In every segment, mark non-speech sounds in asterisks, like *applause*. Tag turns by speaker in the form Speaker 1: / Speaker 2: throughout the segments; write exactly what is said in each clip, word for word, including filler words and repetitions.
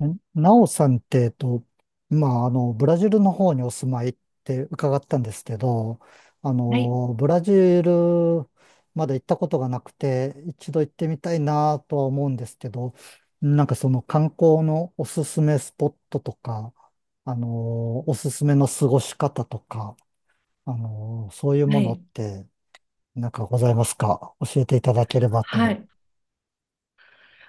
Speaker 1: えなおさんって、えっと、まあ、あの、ブラジルの方にお住まいって伺ったんですけど、あ
Speaker 2: はい、
Speaker 1: の、ブラジルまだ行ったことがなくて、一度行ってみたいなとは思うんですけど、なんかその観光のおすすめスポットとか、あの、おすすめの過ごし方とか、あの、そういう
Speaker 2: は
Speaker 1: ものっ
Speaker 2: い、
Speaker 1: て、なんかございますか教えていただければ
Speaker 2: はは
Speaker 1: と。
Speaker 2: い。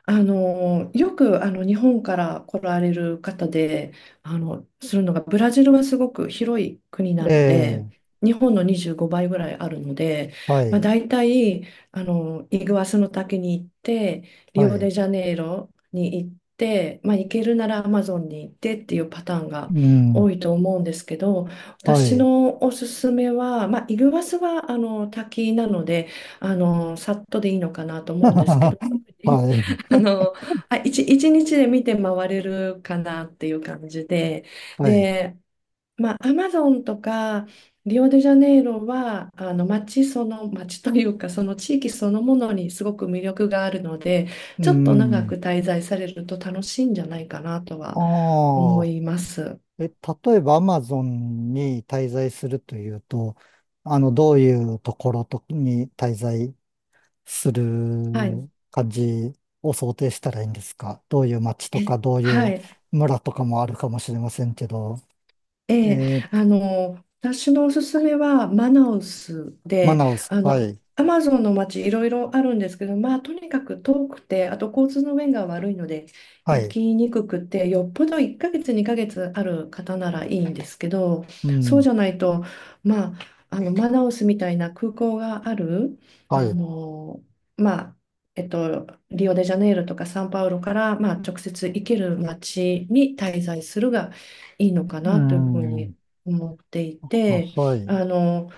Speaker 2: あの、よくあの日本から来られる方で、あの、するのが、ブラジルはすごく広い国な
Speaker 1: え
Speaker 2: ので、
Speaker 1: え、
Speaker 2: 日本のにじゅうごばいぐらいあるので、
Speaker 1: は
Speaker 2: まあ、
Speaker 1: い、
Speaker 2: 大体あのイグアスの滝に行って、リ
Speaker 1: は
Speaker 2: オ
Speaker 1: い、
Speaker 2: デジャネイロに行って、まあ、行けるならアマゾンに行ってっていうパターンが
Speaker 1: うん、
Speaker 2: 多いと思うんですけど、
Speaker 1: は
Speaker 2: 私
Speaker 1: い。
Speaker 2: のおすすめは、まあ、イグアスはあの滝なので、あのさっとでいいのかなと
Speaker 1: *laughs*
Speaker 2: 思うんですけ
Speaker 1: は
Speaker 2: ど、*laughs* あ
Speaker 1: い。
Speaker 2: の、あ、一、一日で見て回れるかなっていう感じで、
Speaker 1: はい。
Speaker 2: で、まあ、アマゾンとかリオデジャネイロは、あの、街その、街というか、その地域そのものにすごく魅力があるので、
Speaker 1: う
Speaker 2: ちょっと長
Speaker 1: ん。
Speaker 2: く滞在されると楽しいんじゃないかなとは
Speaker 1: あ
Speaker 2: 思
Speaker 1: あ。
Speaker 2: います。
Speaker 1: え、例えばアマゾンに滞在するというと、あの、どういうところとに滞在する
Speaker 2: はい。
Speaker 1: 感じを想定したらいいんですか？どういう街と
Speaker 2: え
Speaker 1: か、どうい
Speaker 2: は
Speaker 1: う
Speaker 2: い。
Speaker 1: 村とかもあるかもしれませんけど。
Speaker 2: ええ、
Speaker 1: え
Speaker 2: あ
Speaker 1: ー
Speaker 2: の、私のおすすめはマナウス
Speaker 1: マ
Speaker 2: で、
Speaker 1: ナウス、
Speaker 2: あ
Speaker 1: は
Speaker 2: の、
Speaker 1: い。
Speaker 2: アマゾンの街いろいろあるんですけど、まあ、とにかく遠くて、あと交通の便が悪いので、
Speaker 1: は
Speaker 2: 行
Speaker 1: い。
Speaker 2: きにくくて、よっぽどいっかげつ、にかげつある方ならいいんですけど、
Speaker 1: う
Speaker 2: そう
Speaker 1: ん。
Speaker 2: じゃないと、まあ、あの、マナウスみたいな空港がある、あ
Speaker 1: はい。
Speaker 2: の、まあ、えっと、リオデジャネイロとかサンパウロから、まあ、直接行ける街に滞在するがいいのか
Speaker 1: う
Speaker 2: なというふう
Speaker 1: ん。
Speaker 2: に思っていて、
Speaker 1: はい。
Speaker 2: あの、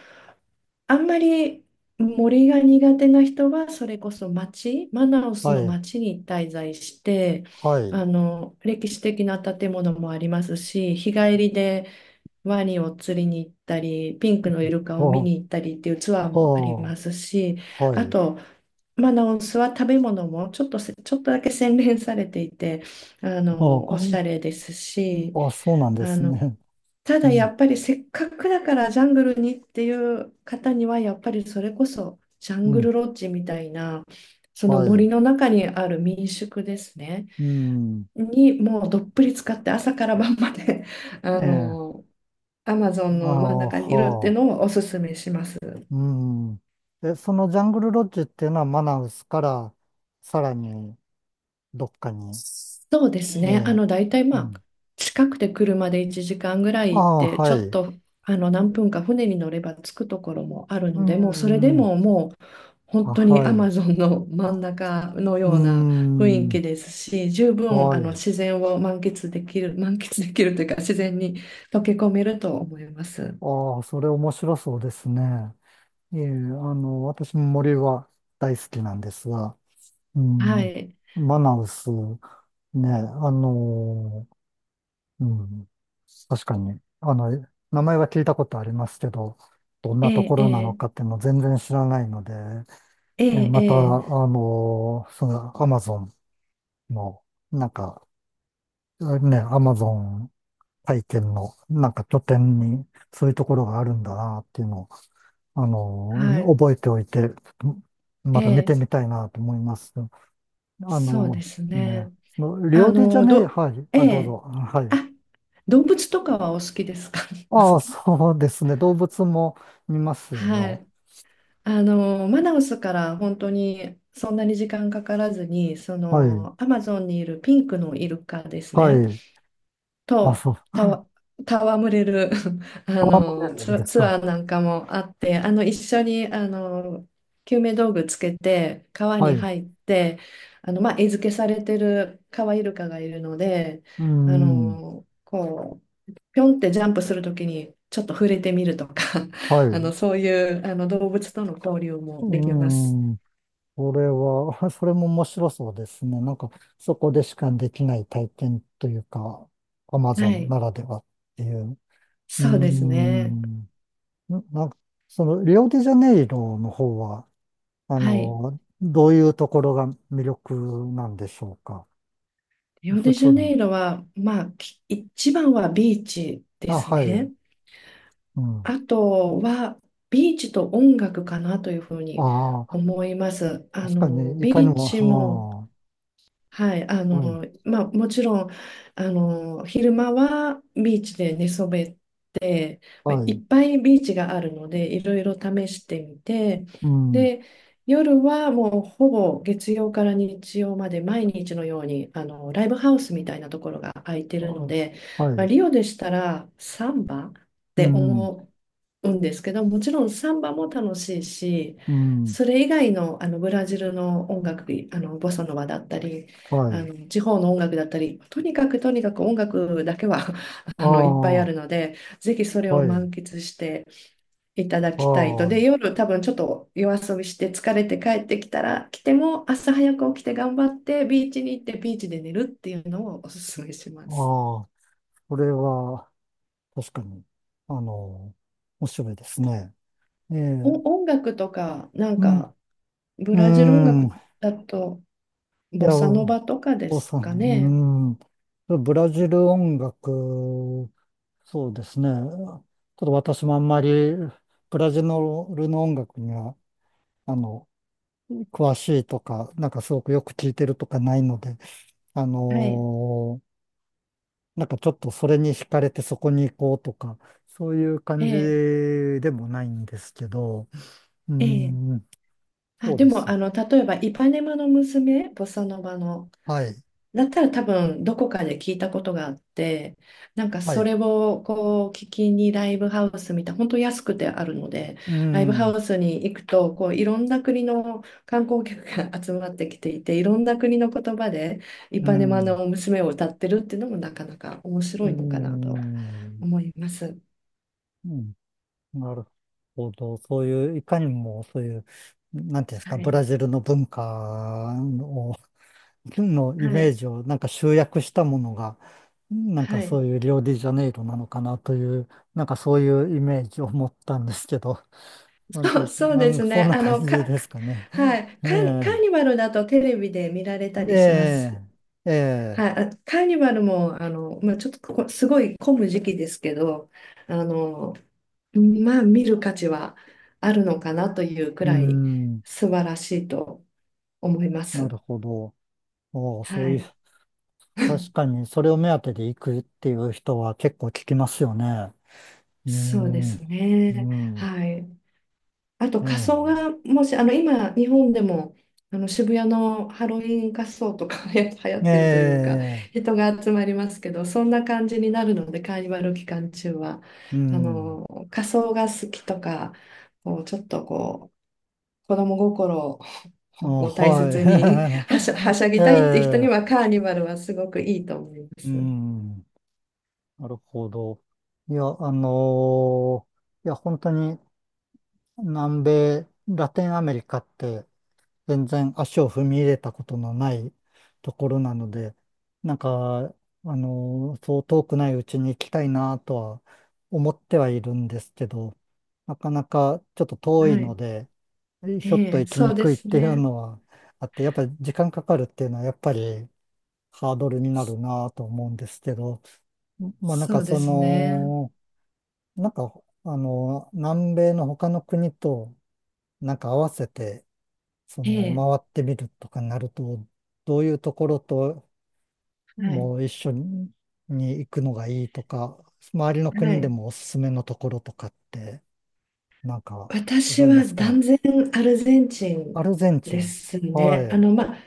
Speaker 2: あんまり森が苦手な人は、それこそ町、マナオス
Speaker 1: は
Speaker 2: の
Speaker 1: い。
Speaker 2: 町に滞在して、
Speaker 1: はい。
Speaker 2: あの、歴史的な建物もありますし、日帰りでワニを釣りに行ったり、ピンクのイルカを見
Speaker 1: ほう、
Speaker 2: に行ったりっていうツアーもあり
Speaker 1: ほ
Speaker 2: ま
Speaker 1: う、
Speaker 2: すし、
Speaker 1: は
Speaker 2: あ
Speaker 1: い。
Speaker 2: と、マナオスは食べ物もちょっとせ、ちょっとだけ洗練されていて、あ
Speaker 1: あ
Speaker 2: の、お
Speaker 1: あ、
Speaker 2: しゃれですし、
Speaker 1: あ、そうなんで
Speaker 2: あ
Speaker 1: す
Speaker 2: の、
Speaker 1: ね。
Speaker 2: た
Speaker 1: *laughs* う
Speaker 2: だや
Speaker 1: ん、
Speaker 2: っぱりせっかくだからジャングルにっていう方にはやっぱりそれこそジャ
Speaker 1: う
Speaker 2: ング
Speaker 1: ん、
Speaker 2: ルロッジみたいなその
Speaker 1: はい。
Speaker 2: 森の中にある民宿ですね
Speaker 1: うん、
Speaker 2: にもうどっぷり使って朝から晩まで
Speaker 1: え
Speaker 2: あ
Speaker 1: え、
Speaker 2: のアマゾン
Speaker 1: あ
Speaker 2: の真ん
Speaker 1: あ、
Speaker 2: 中にいるっていう
Speaker 1: は
Speaker 2: の
Speaker 1: あ、
Speaker 2: をおすすめします。
Speaker 1: うん。え、そのジャングルロッジっていうのはマナウスからさらにどっかに、
Speaker 2: そうです
Speaker 1: え
Speaker 2: ね。あ
Speaker 1: え、
Speaker 2: の、大体
Speaker 1: う
Speaker 2: まあ、
Speaker 1: ん。
Speaker 2: 近くて車でいちじかんぐら
Speaker 1: あ
Speaker 2: い行っ
Speaker 1: あ、
Speaker 2: て、ち
Speaker 1: は
Speaker 2: ょっ
Speaker 1: い。
Speaker 2: と、あの、何分か船に乗れば着くところもある
Speaker 1: う
Speaker 2: ので、もうそれで
Speaker 1: ん、
Speaker 2: ももう、本
Speaker 1: あ、
Speaker 2: 当に
Speaker 1: は
Speaker 2: ア
Speaker 1: い。
Speaker 2: マゾンの真ん中の
Speaker 1: う
Speaker 2: ような雰囲
Speaker 1: ん、
Speaker 2: 気ですし、十分、
Speaker 1: は
Speaker 2: あの、
Speaker 1: い。
Speaker 2: 自然を満喫できる、満喫できるというか、自然に溶け込めると思います。
Speaker 1: ああ、それ面白そうですね。ええ、あの、私も森は大好きなんですが、う
Speaker 2: は
Speaker 1: ん、
Speaker 2: い。
Speaker 1: マナウス。ねえ、あのーうん、確かに、あの、名前は聞いたことありますけど、どん
Speaker 2: え
Speaker 1: なと
Speaker 2: え、
Speaker 1: こ
Speaker 2: え
Speaker 1: ろなの
Speaker 2: え、
Speaker 1: かっていうのを全然知らないので、
Speaker 2: え
Speaker 1: え
Speaker 2: え、
Speaker 1: また、あ
Speaker 2: ええ
Speaker 1: のーその、アマゾンの、なんか、ね、アマゾン体験の、なんか拠点に、そういうところがあるんだなっていうのを、あの
Speaker 2: は
Speaker 1: ー
Speaker 2: い。
Speaker 1: 覚えておいて、ま
Speaker 2: え
Speaker 1: た見
Speaker 2: え、
Speaker 1: てみたいなと思います。あ
Speaker 2: そうで
Speaker 1: の
Speaker 2: す
Speaker 1: ね、
Speaker 2: ね。
Speaker 1: そのリ
Speaker 2: あ
Speaker 1: オデジャ
Speaker 2: の、
Speaker 1: ネイロ、
Speaker 2: ど、
Speaker 1: はい、
Speaker 2: え
Speaker 1: あ、どうぞ、
Speaker 2: え。
Speaker 1: はい。
Speaker 2: あ、動物とかはお好きですか？ *laughs* お好
Speaker 1: ああ、
Speaker 2: き
Speaker 1: そうですね。動物も見ます
Speaker 2: は
Speaker 1: よ。
Speaker 2: い。あの、マナウスから本当にそんなに時間かからずに、そ
Speaker 1: はい。
Speaker 2: の、アマゾンにいるピンクのイルカです
Speaker 1: は
Speaker 2: ね。
Speaker 1: い。あ、
Speaker 2: と
Speaker 1: そう。
Speaker 2: たわ、戯れる *laughs* あ
Speaker 1: パーモデ
Speaker 2: の
Speaker 1: ルで
Speaker 2: ツ、
Speaker 1: す
Speaker 2: ツ
Speaker 1: か？
Speaker 2: アーなんかもあってあの一緒にあの救命道具つけて川
Speaker 1: は
Speaker 2: に
Speaker 1: い。
Speaker 2: 入ってあの、まあ、餌付けされてるカワイルカがいるので
Speaker 1: う
Speaker 2: あ
Speaker 1: ん。
Speaker 2: のこうぴょんってジャンプするときにちょっと触れてみるとか
Speaker 1: は
Speaker 2: *laughs* あ
Speaker 1: い。
Speaker 2: のそういうあの動物との交流もできます。
Speaker 1: うん。これは、*laughs* それも面白そうですね。なんか、そこでしかできない体験というか、アマゾ
Speaker 2: は
Speaker 1: ン
Speaker 2: い、
Speaker 1: ならではっていう。う
Speaker 2: そうですね。
Speaker 1: ん。ななんか、その、リオデジャネイロの方は、あ
Speaker 2: はい。
Speaker 1: の、どういうところが魅力なんでしょうか？
Speaker 2: リオ
Speaker 1: 普
Speaker 2: デジャ
Speaker 1: 通に。
Speaker 2: ネイロは、まあ、き一番はビーチで
Speaker 1: あ、
Speaker 2: す
Speaker 1: は
Speaker 2: ね。
Speaker 1: い。うん。
Speaker 2: あとは、ビーチと音楽かなというふうに
Speaker 1: ああ、
Speaker 2: 思います。あ
Speaker 1: 確か
Speaker 2: の、
Speaker 1: に、いかに
Speaker 2: ビーチも
Speaker 1: も、
Speaker 2: はい、あ
Speaker 1: ああ、はい、
Speaker 2: の、まあ、もちろん、あの、昼間はビーチで寝そべって、まあ
Speaker 1: は
Speaker 2: いっ
Speaker 1: い、
Speaker 2: ぱいビーチがあるので、いろいろ試してみて、
Speaker 1: うん、
Speaker 2: で、夜はもうほぼ月曜から日曜まで毎日のように、あの、ライブハウスみたいなところが空いて
Speaker 1: あ
Speaker 2: るので、
Speaker 1: は
Speaker 2: まあ、
Speaker 1: い、
Speaker 2: リオでしたらサンバっ
Speaker 1: う
Speaker 2: て
Speaker 1: ん、
Speaker 2: 思うんですけど、もちろんサンバも楽しいし、
Speaker 1: うん、
Speaker 2: それ以外の、あのブラジルの音楽、あのボサノバだったり、
Speaker 1: は
Speaker 2: あ
Speaker 1: い、
Speaker 2: の地方の音楽だったり、とにかくとにかく音楽だけは *laughs*
Speaker 1: あ
Speaker 2: あのいっぱい
Speaker 1: あ、
Speaker 2: あ
Speaker 1: は
Speaker 2: るので、ぜひそれを
Speaker 1: い、
Speaker 2: 満喫していただきたいと。
Speaker 1: は
Speaker 2: で、
Speaker 1: い、
Speaker 2: 夜多分ちょっと夜遊びして疲れて帰ってきたら、来ても朝早く起きて頑張ってビーチに行ってビーチで寝るっていうのをおすすめしま
Speaker 1: あ
Speaker 2: す。
Speaker 1: あ、それは、確かに、あの、面白いですね。ええ、
Speaker 2: お、音楽とか、なん
Speaker 1: うん、
Speaker 2: かブラジル音
Speaker 1: うん、い
Speaker 2: 楽だとボ
Speaker 1: や、
Speaker 2: サノバとかで
Speaker 1: お
Speaker 2: す
Speaker 1: さ
Speaker 2: かね。
Speaker 1: ん、うん、ブラジル音楽、そうですね。ちょっと私もあんまり、ブラジルの音楽には、あの、詳しいとか、なんかすごくよく聞いてるとかないので、あ
Speaker 2: はい。
Speaker 1: のーなんかちょっとそれに惹かれてそこに行こうとか、そういう
Speaker 2: え
Speaker 1: 感じ
Speaker 2: え、
Speaker 1: でもないんですけど、うー
Speaker 2: ええ。
Speaker 1: ん、
Speaker 2: あ、
Speaker 1: そう
Speaker 2: で
Speaker 1: で
Speaker 2: も、
Speaker 1: す。
Speaker 2: あの、例えば、イパネマの娘、ボサノバの、
Speaker 1: はい、
Speaker 2: だったら多分どこかで聞いたことがあって、なんか
Speaker 1: は
Speaker 2: そ
Speaker 1: い。
Speaker 2: れをこう聞きにライブハウスみたいな、本当安くてあるので、
Speaker 1: うー
Speaker 2: ライブ
Speaker 1: ん、
Speaker 2: ハ
Speaker 1: う
Speaker 2: ウスに行くと、こういろんな国の観光客が *laughs* 集まってきていて、いろんな国の言葉でイ
Speaker 1: ー
Speaker 2: パネマ
Speaker 1: ん、う
Speaker 2: の娘を歌ってるっていうのもなかなか面
Speaker 1: ー
Speaker 2: 白いのかなと
Speaker 1: ん、
Speaker 2: 思います。
Speaker 1: うん、なるほど。そういう、いかにもそういう、なんていうんです
Speaker 2: は
Speaker 1: か、ブ
Speaker 2: い。
Speaker 1: ラジルの文化をのイ
Speaker 2: は
Speaker 1: メー
Speaker 2: い。
Speaker 1: ジをなんか集約したものが、なん
Speaker 2: は
Speaker 1: かそ
Speaker 2: い。
Speaker 1: ういうリオデジャネイロなのかなという、なんかそういうイメージを持ったんですけど、なんて、
Speaker 2: そう、そう
Speaker 1: な
Speaker 2: で
Speaker 1: ん
Speaker 2: す
Speaker 1: そん
Speaker 2: ね。
Speaker 1: な
Speaker 2: あ
Speaker 1: 感
Speaker 2: の、
Speaker 1: じ
Speaker 2: か、
Speaker 1: で
Speaker 2: か
Speaker 1: すかね。
Speaker 2: はい。
Speaker 1: え
Speaker 2: カーニ、カー
Speaker 1: え
Speaker 2: ニバルだとテレビで見られたりします。
Speaker 1: で、え
Speaker 2: はい、
Speaker 1: え
Speaker 2: あ、カーニバルも、あの、まあ、ちょっとここすごい混む時期ですけど、あの、まあ、見る価値はあるのかなというく
Speaker 1: うー
Speaker 2: らい
Speaker 1: ん、
Speaker 2: 素晴らしいと思いま
Speaker 1: な
Speaker 2: す。
Speaker 1: るほど。おう
Speaker 2: は
Speaker 1: そういう、
Speaker 2: い、
Speaker 1: 確かにそれを目当てで行くっていう人は結構聞きますよね。うー
Speaker 2: そうです
Speaker 1: ん、う
Speaker 2: ね。
Speaker 1: ん、
Speaker 2: はい。あと仮
Speaker 1: え
Speaker 2: 装
Speaker 1: え
Speaker 2: がもしあの今日本でもあの渋谷のハロウィン仮装とか *laughs* 流行ってるというか
Speaker 1: ええ
Speaker 2: 人が集まりますけどそんな感じになるのでカーニバル期間中は
Speaker 1: う
Speaker 2: あ
Speaker 1: ん。
Speaker 2: の仮装が好きとかこうちょっとこう子供心を
Speaker 1: あ、
Speaker 2: *laughs* を大切に
Speaker 1: は
Speaker 2: *laughs* はしゃ、はしゃ
Speaker 1: い。*laughs* え
Speaker 2: ぎたいっていう人に
Speaker 1: え、
Speaker 2: はカーニバルはすごくいいと思いま
Speaker 1: う
Speaker 2: す。
Speaker 1: ん、なるほど。いや、あのーいや、本当に南米、ラテンアメリカって全然足を踏み入れたことのないところなので、なんか、あのーそう遠くないうちに行きたいなとは思ってはいるんですけど、なかなかちょっと遠
Speaker 2: は
Speaker 1: いの
Speaker 2: い。
Speaker 1: で、ひょ
Speaker 2: え
Speaker 1: っと
Speaker 2: え、
Speaker 1: 行き
Speaker 2: そ
Speaker 1: に
Speaker 2: うで
Speaker 1: くいっ
Speaker 2: す
Speaker 1: ていう
Speaker 2: ね。
Speaker 1: のはあって、やっぱり時間かかるっていうのはやっぱり、ハードルになるなと思うんですけど、まあなん
Speaker 2: そ
Speaker 1: か
Speaker 2: うで
Speaker 1: そ
Speaker 2: すね。
Speaker 1: の、なんかあの、南米の他の国となんか合わせて、そ
Speaker 2: え
Speaker 1: の
Speaker 2: え、
Speaker 1: 回ってみるとかになると、どういうところと
Speaker 2: はい。
Speaker 1: も一緒に行くのがいいとか、周りの
Speaker 2: は
Speaker 1: 国で
Speaker 2: い。
Speaker 1: もおすすめのところとかって、なんかご
Speaker 2: 私
Speaker 1: ざいま
Speaker 2: は
Speaker 1: す
Speaker 2: 断
Speaker 1: か？
Speaker 2: 然アルゼンチ
Speaker 1: ア
Speaker 2: ン
Speaker 1: ルゼンチ
Speaker 2: で
Speaker 1: ン。
Speaker 2: す
Speaker 1: は
Speaker 2: ね。あ
Speaker 1: い。
Speaker 2: の、まあ、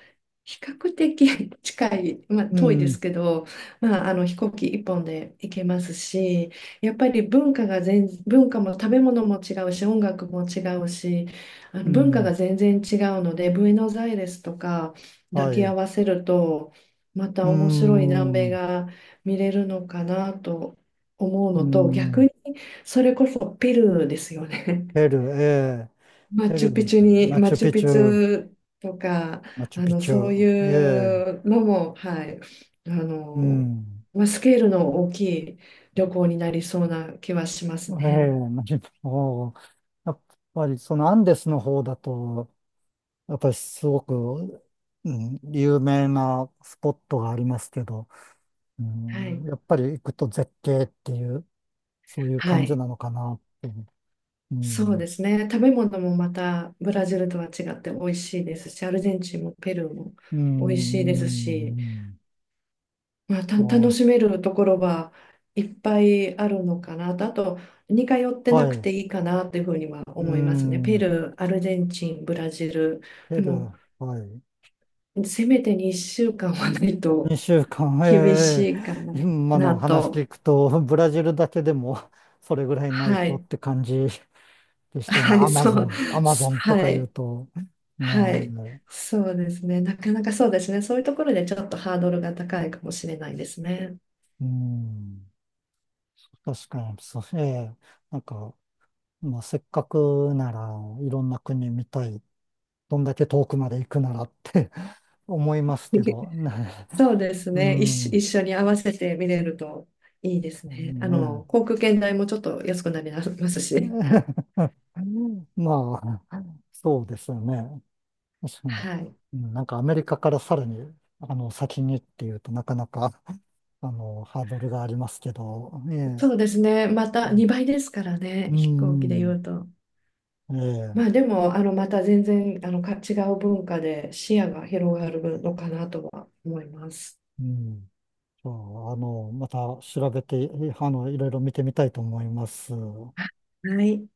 Speaker 2: 比較的 *laughs* 近い、まあ、
Speaker 1: う
Speaker 2: 遠いで
Speaker 1: ん、
Speaker 2: すけど、まあ、あの飛行機一本で行けますし、やっぱり文化が全、文化も食べ物も違うし、音楽も違うし、あ
Speaker 1: う
Speaker 2: の文化が
Speaker 1: ん、
Speaker 2: 全然違うので、ブエノスアイレスとか抱
Speaker 1: はい。
Speaker 2: き合
Speaker 1: う
Speaker 2: わせると、ま
Speaker 1: ー
Speaker 2: た面白い南
Speaker 1: ん、
Speaker 2: 米
Speaker 1: う
Speaker 2: が見れるのかなと思う
Speaker 1: ー
Speaker 2: のと、逆
Speaker 1: ん。
Speaker 2: にそれこそペルーですよね。
Speaker 1: ペルー、ええ、
Speaker 2: マ
Speaker 1: ペ
Speaker 2: チ
Speaker 1: ルー、
Speaker 2: ュピチュに、
Speaker 1: マ
Speaker 2: マ
Speaker 1: チュ
Speaker 2: チュ
Speaker 1: ピ
Speaker 2: ピ
Speaker 1: チ
Speaker 2: チ
Speaker 1: ュ、
Speaker 2: ュとか、
Speaker 1: マチュ
Speaker 2: あ
Speaker 1: ピ
Speaker 2: の、
Speaker 1: チ
Speaker 2: そ
Speaker 1: ュ、
Speaker 2: う
Speaker 1: ええ、
Speaker 2: いうのも、はい、あ
Speaker 1: う
Speaker 2: の、
Speaker 1: ん、
Speaker 2: まあ、スケールの大きい旅行になりそうな気はしま
Speaker 1: え
Speaker 2: す
Speaker 1: え、
Speaker 2: ね。
Speaker 1: マチュピチュ、おーやっぱりそのアンデスの方だと、やっぱりすごく、うん、有名なスポットがありますけど、う
Speaker 2: は
Speaker 1: ん、
Speaker 2: い。
Speaker 1: やっぱり行くと絶景っていう、そういう
Speaker 2: は
Speaker 1: 感じ
Speaker 2: い。
Speaker 1: なのかなって、う
Speaker 2: そうで
Speaker 1: ん、
Speaker 2: すね。食べ物もまたブラジルとは違って美味しいですし、アルゼンチンもペルーも
Speaker 1: う
Speaker 2: 美味しい
Speaker 1: ん、
Speaker 2: です
Speaker 1: う
Speaker 2: し、
Speaker 1: ん
Speaker 2: まあ、た、
Speaker 1: は
Speaker 2: 楽し
Speaker 1: い、
Speaker 2: めるところはいっぱいあるのかなと、あと似通って
Speaker 1: は
Speaker 2: なく
Speaker 1: い、
Speaker 2: ていいかなというふうには
Speaker 1: う
Speaker 2: 思いますね。ペ
Speaker 1: ん、
Speaker 2: ルー、アルゼンチン、ブラジル。
Speaker 1: ペ
Speaker 2: で
Speaker 1: ル
Speaker 2: も、
Speaker 1: ー、はい。
Speaker 2: せめてにしゅうかんはないと
Speaker 1: にしゅうかん、*laughs*
Speaker 2: 厳し
Speaker 1: え
Speaker 2: いかな、
Speaker 1: え今
Speaker 2: な
Speaker 1: の話
Speaker 2: と。
Speaker 1: 聞くと、*laughs* ブラジルだけでも *laughs* それぐらいない
Speaker 2: は
Speaker 1: とっ
Speaker 2: い。
Speaker 1: て感じでしたね。
Speaker 2: は
Speaker 1: ア
Speaker 2: い、
Speaker 1: マ
Speaker 2: そ
Speaker 1: ゾ
Speaker 2: う。
Speaker 1: ン、アマゾンとか
Speaker 2: は
Speaker 1: 言う
Speaker 2: い。
Speaker 1: と、
Speaker 2: はい。
Speaker 1: ね
Speaker 2: そうですね。なかなかそうですね。そういうところでちょっとハードルが高いかもしれないですね。
Speaker 1: え、うん、確かに、そう、ええなんか、まあ、せっかくならいろんな国見たい、どんだけ遠くまで行くならって *laughs* 思いますけど、ねえ、
Speaker 2: そうです
Speaker 1: う
Speaker 2: ね。一緒、一
Speaker 1: ん、
Speaker 2: 緒に合わせて見れるといいですね。あ
Speaker 1: ね
Speaker 2: の、航空券代もちょっと安くなります
Speaker 1: え、
Speaker 2: し。
Speaker 1: *laughs* まあ、そうですよね。確かに。
Speaker 2: はい。
Speaker 1: うんなんかアメリカからさらに、あの、先にっていうとなかなか、*laughs* あの、ハードルがありますけど、ええ、
Speaker 2: そうですね。ま
Speaker 1: う
Speaker 2: た
Speaker 1: ん、
Speaker 2: にばいですからね。
Speaker 1: う
Speaker 2: 飛行機で
Speaker 1: ん
Speaker 2: 言うと。
Speaker 1: え
Speaker 2: ま
Speaker 1: え、
Speaker 2: あでも、あの、また全然、あの、か違う文化で視野が広がるのかなとは思います。
Speaker 1: うん。じゃあ、あの、また調べて、えあの、いろいろ見てみたいと思います。
Speaker 2: はい。